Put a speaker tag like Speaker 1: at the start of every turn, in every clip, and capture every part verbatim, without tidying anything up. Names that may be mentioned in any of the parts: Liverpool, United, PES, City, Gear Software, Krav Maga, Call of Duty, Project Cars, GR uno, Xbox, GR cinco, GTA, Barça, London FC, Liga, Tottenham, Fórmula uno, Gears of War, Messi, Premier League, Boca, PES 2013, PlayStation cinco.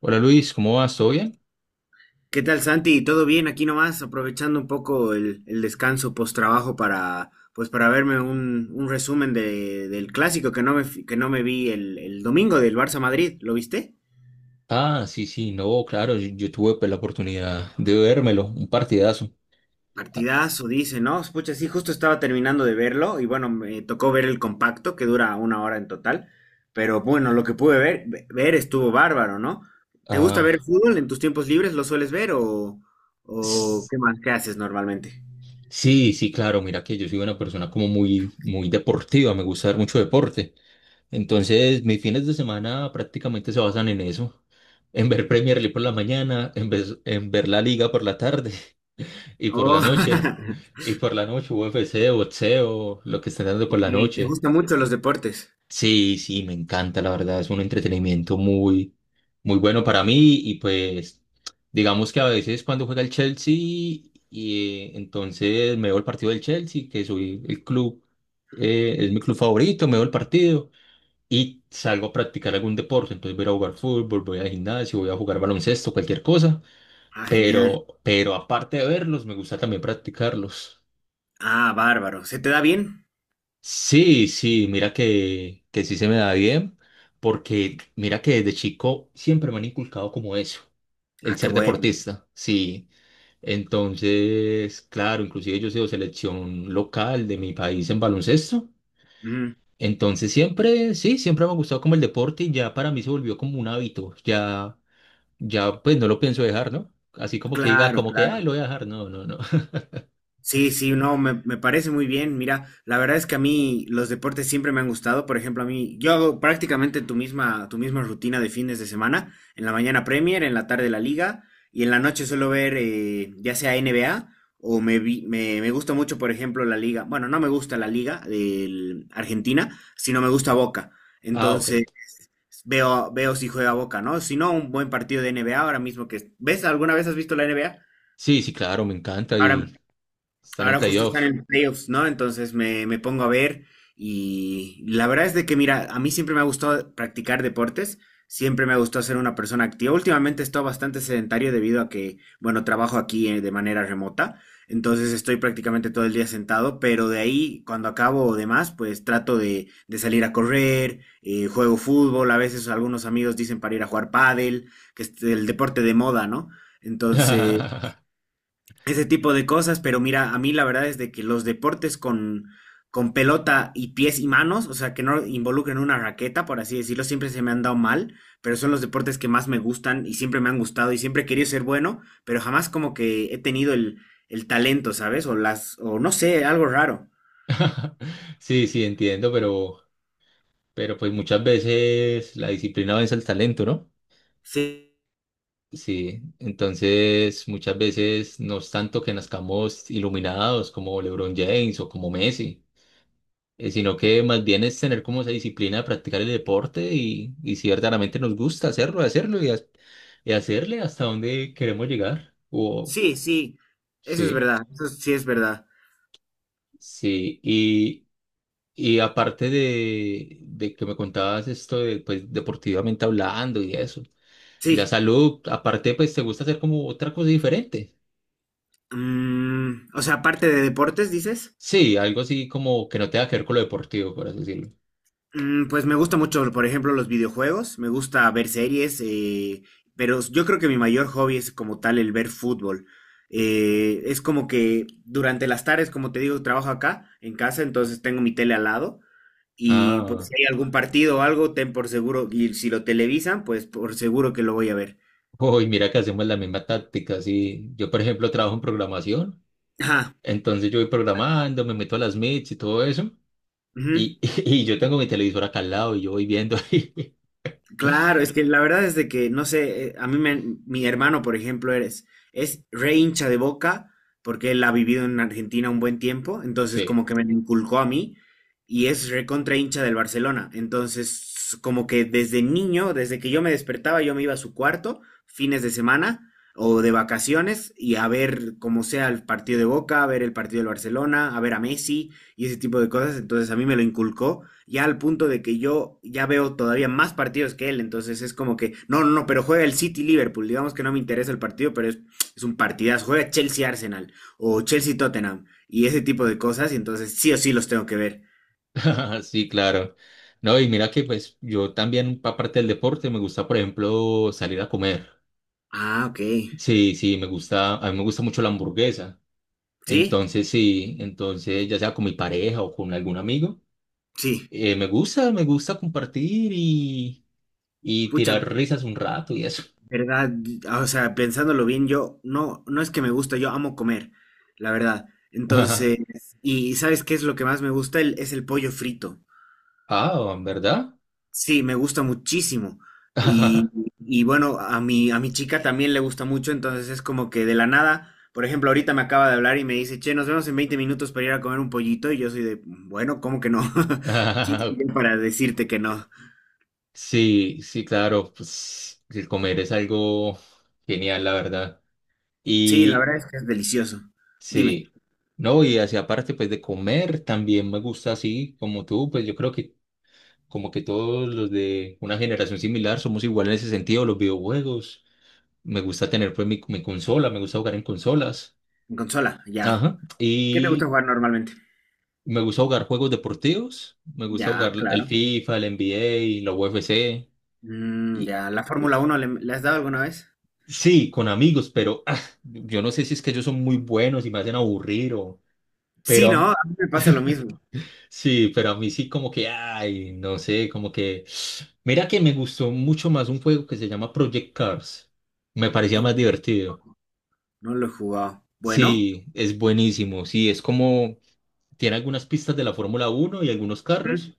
Speaker 1: Hola Luis, ¿cómo vas? ¿Todo bien?
Speaker 2: ¿Qué tal, Santi? ¿Todo bien aquí nomás? Aprovechando un poco el, el descanso post trabajo para, pues, para verme un, un resumen de- del clásico que no me, fi- que no me vi el, el domingo del Barça Madrid. ¿Lo viste?
Speaker 1: Ah, sí, sí, no, claro, yo, yo tuve, pues, la oportunidad de vérmelo, un partidazo.
Speaker 2: Partidazo, dice, ¿no? Pucha, sí, justo estaba terminando de verlo y bueno, me tocó ver el compacto que dura una hora en total. Pero bueno, lo que pude ver, ve- ver estuvo bárbaro, ¿no? ¿Te gusta ver
Speaker 1: Ah,
Speaker 2: fútbol en tus tiempos libres? ¿Lo sueles ver o, o
Speaker 1: s-
Speaker 2: qué más? ¿Qué haces normalmente?
Speaker 1: sí, sí, claro, mira que yo soy una persona como muy, muy deportiva, me gusta ver mucho deporte. Entonces, mis fines de semana prácticamente se basan en eso, en ver Premier League por la mañana, en ver, en ver la liga por la tarde y por la noche,
Speaker 2: Oh.
Speaker 1: y por la noche U F C, boxeo, lo que estén dando por
Speaker 2: Ok.
Speaker 1: la
Speaker 2: ¿Te
Speaker 1: noche.
Speaker 2: gustan mucho los deportes?
Speaker 1: Sí, sí, me encanta, la verdad, es un entretenimiento muy, muy bueno para mí y pues digamos que a veces cuando juega el Chelsea y eh, entonces me veo el partido del Chelsea, que soy el club, eh, es mi club favorito, me veo el partido y salgo a practicar algún deporte, entonces voy a ir a jugar fútbol, voy al gimnasio, voy a jugar baloncesto, cualquier cosa,
Speaker 2: Ah, genial.
Speaker 1: pero, pero aparte de verlos, me gusta también practicarlos.
Speaker 2: Ah, bárbaro. ¿Se te da bien?
Speaker 1: Sí, sí, mira que, que sí se me da bien, porque mira que desde chico siempre me han inculcado como eso, el
Speaker 2: Ah, qué
Speaker 1: ser
Speaker 2: bueno.
Speaker 1: deportista, sí. Entonces, claro, inclusive yo he sido selección local de mi país en baloncesto.
Speaker 2: Ujú.
Speaker 1: Entonces siempre, sí, siempre me ha gustado como el deporte y ya para mí se volvió como un hábito, ya, ya pues no lo pienso dejar, ¿no? Así como que diga,
Speaker 2: Claro,
Speaker 1: como que, ay,
Speaker 2: claro.
Speaker 1: lo voy a dejar, no, no, no.
Speaker 2: Sí, sí, no, me, me parece muy bien. Mira, la verdad es que a mí los deportes siempre me han gustado. Por ejemplo, a mí, yo hago prácticamente tu misma, tu misma rutina de fines de semana. En la mañana Premier, en la tarde la Liga y en la noche suelo ver eh, ya sea N B A o me, vi- me, me gusta mucho, por ejemplo, la Liga. Bueno, no me gusta la Liga de Argentina, sino me gusta Boca.
Speaker 1: Ah, ok.
Speaker 2: Entonces, veo, veo si juega Boca, ¿no? Si no, un buen partido de N B A ahora mismo que... ¿Ves? ¿Alguna vez has visto la N B A?
Speaker 1: Sí, sí, claro, me encanta
Speaker 2: Ahora
Speaker 1: y estar en
Speaker 2: Ahora justo
Speaker 1: playoff.
Speaker 2: están en playoffs, ¿no? Entonces me, me pongo a ver y la verdad es de que, mira, a mí siempre me ha gustado practicar deportes, siempre me ha gustado ser una persona activa. Últimamente he estado bastante sedentario debido a que, bueno, trabajo aquí eh, de manera remota, entonces estoy prácticamente todo el día sentado, pero de ahí, cuando acabo o demás, pues trato de, de salir a correr, eh, juego fútbol, a veces algunos amigos dicen para ir a jugar pádel, que es el deporte de moda, ¿no? Ese tipo de cosas, pero mira, a mí la verdad es de que los deportes con, con pelota y pies y manos, o sea, que no involucren una raqueta, por así decirlo, siempre se me han dado mal, pero son los deportes que más me gustan y siempre me han gustado y siempre he querido ser bueno, pero jamás como que he tenido el, el talento, ¿sabes? O las, o no sé, algo raro.
Speaker 1: Sí, sí, entiendo, pero, pero pues muchas veces la disciplina vence al talento, ¿no?
Speaker 2: Sí,
Speaker 1: Sí, entonces muchas veces no es tanto que nazcamos iluminados como LeBron James o como Messi, eh, sino que más bien es tener como esa disciplina de practicar el deporte y, y si verdaderamente nos gusta hacerlo, hacerlo y, ha- y hacerle hasta donde queremos llegar. O,
Speaker 2: sí, sí, eso es
Speaker 1: sí,
Speaker 2: verdad, eso sí es verdad.
Speaker 1: sí, y aparte de, de que me contabas esto de, pues, deportivamente hablando y eso, ya
Speaker 2: Sí.
Speaker 1: salud, aparte, pues, ¿te gusta hacer como otra cosa diferente?
Speaker 2: Mm, o sea, aparte de deportes, dices.
Speaker 1: Sí, algo así como que no tenga que ver con lo deportivo, por así decirlo.
Speaker 2: Mm, pues me gusta mucho, por ejemplo, los videojuegos, me gusta ver series, eh, pero yo creo que mi mayor hobby es como tal el ver fútbol. Eh, es como que durante las tardes, como te digo, trabajo acá en casa, entonces tengo mi tele al lado y pues
Speaker 1: Ah,
Speaker 2: si hay algún partido o algo, ten por seguro, y si lo televisan, pues por seguro que lo voy a ver.
Speaker 1: uy, mira que hacemos la misma táctica, sí. Yo, por ejemplo, trabajo en programación,
Speaker 2: Ajá.
Speaker 1: entonces yo voy programando, me meto a las meets y todo eso,
Speaker 2: Ujú.
Speaker 1: y, y yo tengo mi televisor acá al lado y yo voy viendo.
Speaker 2: Claro, es que la verdad es de que, no sé, eh, a mí me- mi hermano, por ejemplo, eres, es re hincha de Boca porque él ha vivido en Argentina un buen tiempo, entonces como
Speaker 1: Sí.
Speaker 2: que me lo inculcó a mí y es re contra hincha del Barcelona. Entonces, como que desde niño, desde que yo me despertaba, yo me iba a su cuarto, fines de semana o de vacaciones y a ver como sea el partido de Boca, a ver el partido del Barcelona, a ver a Messi y ese tipo de cosas. Entonces a mí me lo inculcó ya al punto de que yo ya veo todavía más partidos que él, entonces es como que, no, no, no, pero juega el City Liverpool, digamos que no me interesa el partido, pero es, es un partidazo, juega Chelsea Arsenal o Chelsea Tottenham y ese tipo de cosas, y entonces sí o sí los tengo que ver.
Speaker 1: Ah, sí, claro. No, y mira que pues yo también, aparte del deporte, me gusta, por ejemplo, salir a comer.
Speaker 2: Ah, ok.
Speaker 1: Sí, sí, me gusta, a mí me gusta mucho la hamburguesa.
Speaker 2: ¿Sí?
Speaker 1: Entonces, sí, entonces, ya sea con mi pareja o con algún amigo,
Speaker 2: Sí.
Speaker 1: eh, me gusta, me gusta compartir y, y
Speaker 2: Pucha,
Speaker 1: tirar risas un rato y eso.
Speaker 2: verdad, o sea, pensándolo bien, yo no, no es que me gusta, yo amo comer, la verdad. Entonces, y ¿sabes qué es lo que más me gusta? El- es el pollo frito.
Speaker 1: Ah, ¿en ¿verdad?
Speaker 2: Sí, me gusta muchísimo. Y, y bueno, a mi, a mi chica también le gusta mucho, entonces es como que de la nada, por ejemplo, ahorita me acaba de hablar y me dice, che, nos vemos en veinte minutos para ir a comer un pollito, y yo soy de, bueno, ¿cómo que no? ¿Quién
Speaker 1: Ah,
Speaker 2: soy yo para decirte que no?
Speaker 1: sí, sí, claro, pues el comer es algo genial, la verdad.
Speaker 2: Sí, la
Speaker 1: Y,
Speaker 2: verdad es que es delicioso. Dime,
Speaker 1: sí, no, y así aparte pues de comer, también me gusta así como tú, pues yo creo que como que todos los de una generación similar somos iguales en ese sentido, los videojuegos, me gusta tener pues mi, mi consola, me gusta jugar en consolas,
Speaker 2: en consola, ya.
Speaker 1: ajá,
Speaker 2: ¿Qué te gusta
Speaker 1: y
Speaker 2: jugar normalmente?
Speaker 1: me gusta jugar juegos deportivos, me gusta jugar
Speaker 2: Ya,
Speaker 1: el
Speaker 2: claro.
Speaker 1: FIFA, el N B A, la U F C,
Speaker 2: Mm,
Speaker 1: y
Speaker 2: ya, ¿la Fórmula uno le, le has dado alguna vez?
Speaker 1: sí, con amigos, pero ah, yo no sé si es que ellos son muy buenos y me hacen aburrir o...
Speaker 2: Sí, no,
Speaker 1: Pero
Speaker 2: a mí me pasa lo mismo.
Speaker 1: sí, pero a mí sí como que, ay, no sé, como que... Mira que me gustó mucho más un juego que se llama Project Cars. Me parecía más
Speaker 2: Uy,
Speaker 1: divertido.
Speaker 2: no lo he jugado. Bueno,
Speaker 1: Sí, es buenísimo. Sí, es como... Tiene algunas pistas de la Fórmula Uno y algunos
Speaker 2: ujú,
Speaker 1: carros,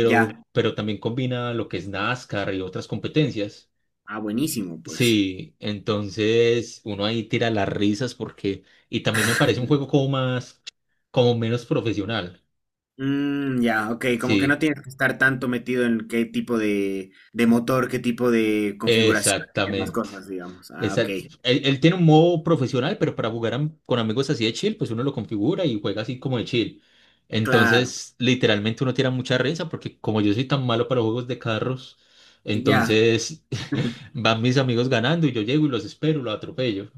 Speaker 2: ya.
Speaker 1: pero también combina lo que es NASCAR y otras competencias.
Speaker 2: Ah, buenísimo, pues.
Speaker 1: Sí, entonces uno ahí tira las risas porque... Y también me parece un juego como más... como menos profesional.
Speaker 2: Mm, ya, ok, como que no
Speaker 1: Sí.
Speaker 2: tienes que estar tanto metido en qué tipo de, de motor, qué tipo de configuraciones y demás
Speaker 1: Exactamente.
Speaker 2: cosas, digamos. Ah, ok,
Speaker 1: Exact- Él, él tiene un modo profesional, pero para jugar am- con amigos así de chill, pues uno lo configura y juega así como de chill.
Speaker 2: claro,
Speaker 1: Entonces, literalmente uno tira mucha risa porque como yo soy tan malo para los juegos de carros,
Speaker 2: ya.
Speaker 1: entonces van mis amigos ganando y yo llego y los espero, los atropello.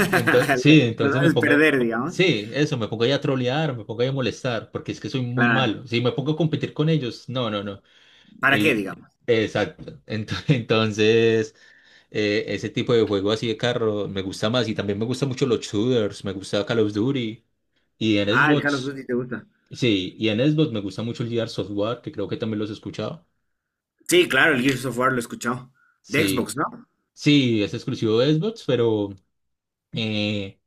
Speaker 1: Entonces, sí,
Speaker 2: Lo
Speaker 1: entonces me
Speaker 2: vas a
Speaker 1: pongo,
Speaker 2: perder, digamos.
Speaker 1: sí, eso, me pongo ahí a trolear, me pongo ahí a molestar, porque es que soy muy
Speaker 2: Claro.
Speaker 1: malo. Si me pongo a competir con ellos, no, no, no.
Speaker 2: ¿Para qué,
Speaker 1: Y,
Speaker 2: digamos?
Speaker 1: exacto. Ent- Entonces... Eh, ese tipo de juego así de carro me gusta más y también me gustan mucho los shooters, me gusta Call of Duty y en
Speaker 2: Ah, el Call of
Speaker 1: Xbox,
Speaker 2: Duty te gusta.
Speaker 1: sí, y en Xbox me gusta mucho el Gear Software, que creo que también los he escuchado.
Speaker 2: Sí, claro, el Gears of War lo he escuchado. De
Speaker 1: Sí,
Speaker 2: Xbox, ¿no?
Speaker 1: sí, es exclusivo de Xbox, pero eh,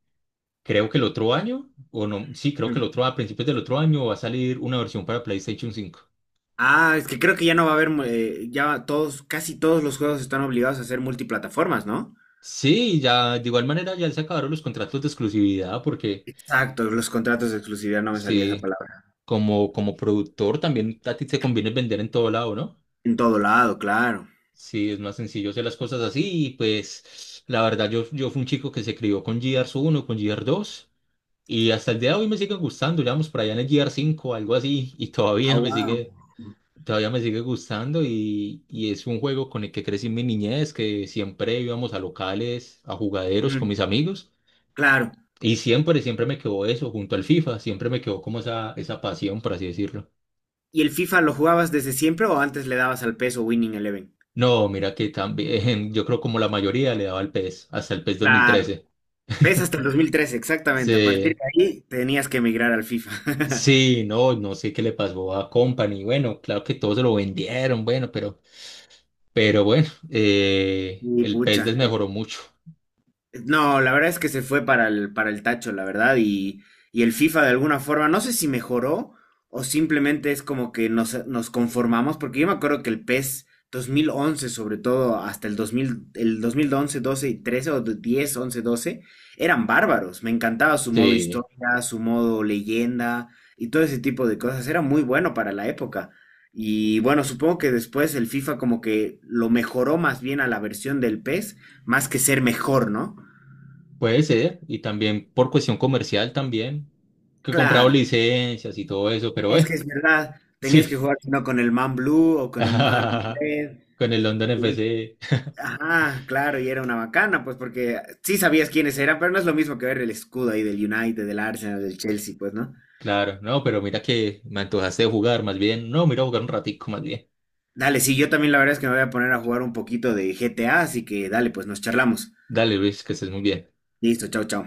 Speaker 1: creo que el otro año, o no, sí, creo que el
Speaker 2: Mm.
Speaker 1: otro, a principios del otro año va a salir una versión para PlayStation cinco.
Speaker 2: Ah, es que creo que ya no va a haber, mu- eh, ya todos, casi todos los juegos están obligados a ser multiplataformas, ¿no?
Speaker 1: Sí, ya de igual manera ya se acabaron los contratos de exclusividad porque
Speaker 2: Exacto, los contratos de exclusividad, no me salía esa
Speaker 1: sí,
Speaker 2: palabra.
Speaker 1: como, como productor también a ti te conviene vender en todo lado, ¿no?
Speaker 2: En todo lado, claro.
Speaker 1: Sí, es más sencillo hacer las cosas así. Y pues, la verdad, yo, yo fui un chico que se crió con G R uno, con G R dos. Y hasta el día de hoy me siguen gustando. Ya vamos por allá en el G R cinco, algo así. Y
Speaker 2: Ah,
Speaker 1: todavía me
Speaker 2: wow.
Speaker 1: sigue, todavía me sigue gustando. Y, y es un juego con el que crecí en mi niñez, que siempre íbamos a locales, a jugaderos con mis
Speaker 2: Mm.
Speaker 1: amigos.
Speaker 2: Claro.
Speaker 1: Y siempre, siempre me quedó eso, junto al FIFA. Siempre me quedó como esa, esa pasión, por así decirlo.
Speaker 2: ¿Y el FIFA lo jugabas desde siempre o antes le dabas al PES o Winning Eleven?
Speaker 1: No, mira que también, yo creo como la mayoría le daba al P E S, hasta el P E S
Speaker 2: Claro.
Speaker 1: dos mil trece.
Speaker 2: PES hasta el dos mil trece, exactamente. A partir
Speaker 1: Sí,
Speaker 2: de ahí tenías que emigrar al FIFA.
Speaker 1: sí, no, no sé qué le pasó a Company. Bueno, claro que todos se lo vendieron, bueno, pero, pero bueno, eh,
Speaker 2: Y
Speaker 1: el pez
Speaker 2: pucha,
Speaker 1: desmejoró mucho.
Speaker 2: no, la verdad es que se fue para el, para el tacho, la verdad, y, y el FIFA de alguna forma, no sé si mejoró o simplemente es como que nos, nos conformamos, porque yo me acuerdo que el PES dos mil once, sobre todo hasta el dos mil, el dos mil once, doce y trece o diez, once, doce, eran bárbaros. Me encantaba su modo
Speaker 1: Sí,
Speaker 2: historia, su modo leyenda y todo ese tipo de cosas. Era muy bueno para la época. Y bueno, supongo que después el FIFA como que lo mejoró más bien a la versión del PES, más que ser mejor, ¿no?
Speaker 1: puede ser. Y también por cuestión comercial también, que comprado
Speaker 2: Claro,
Speaker 1: licencias y todo eso, pero
Speaker 2: es que
Speaker 1: eh,
Speaker 2: es verdad. Tenías
Speaker 1: sí.
Speaker 2: que jugar sino con el man blue o con el man red.
Speaker 1: Con el London
Speaker 2: Y-
Speaker 1: F C,
Speaker 2: Ajá, claro, y era una bacana, pues porque sí sabías quiénes eran, pero no es lo mismo que ver el escudo ahí del United, del Arsenal, del Chelsea, pues, ¿no?
Speaker 1: claro, no, pero mira que me antojaste de jugar más bien. No, mira, jugar un ratico más bien.
Speaker 2: Dale, sí, yo también la verdad es que me voy a poner a jugar un poquito de G T A, así que dale, pues nos charlamos.
Speaker 1: Dale, Luis, que estés muy bien.
Speaker 2: Listo, chao, chao.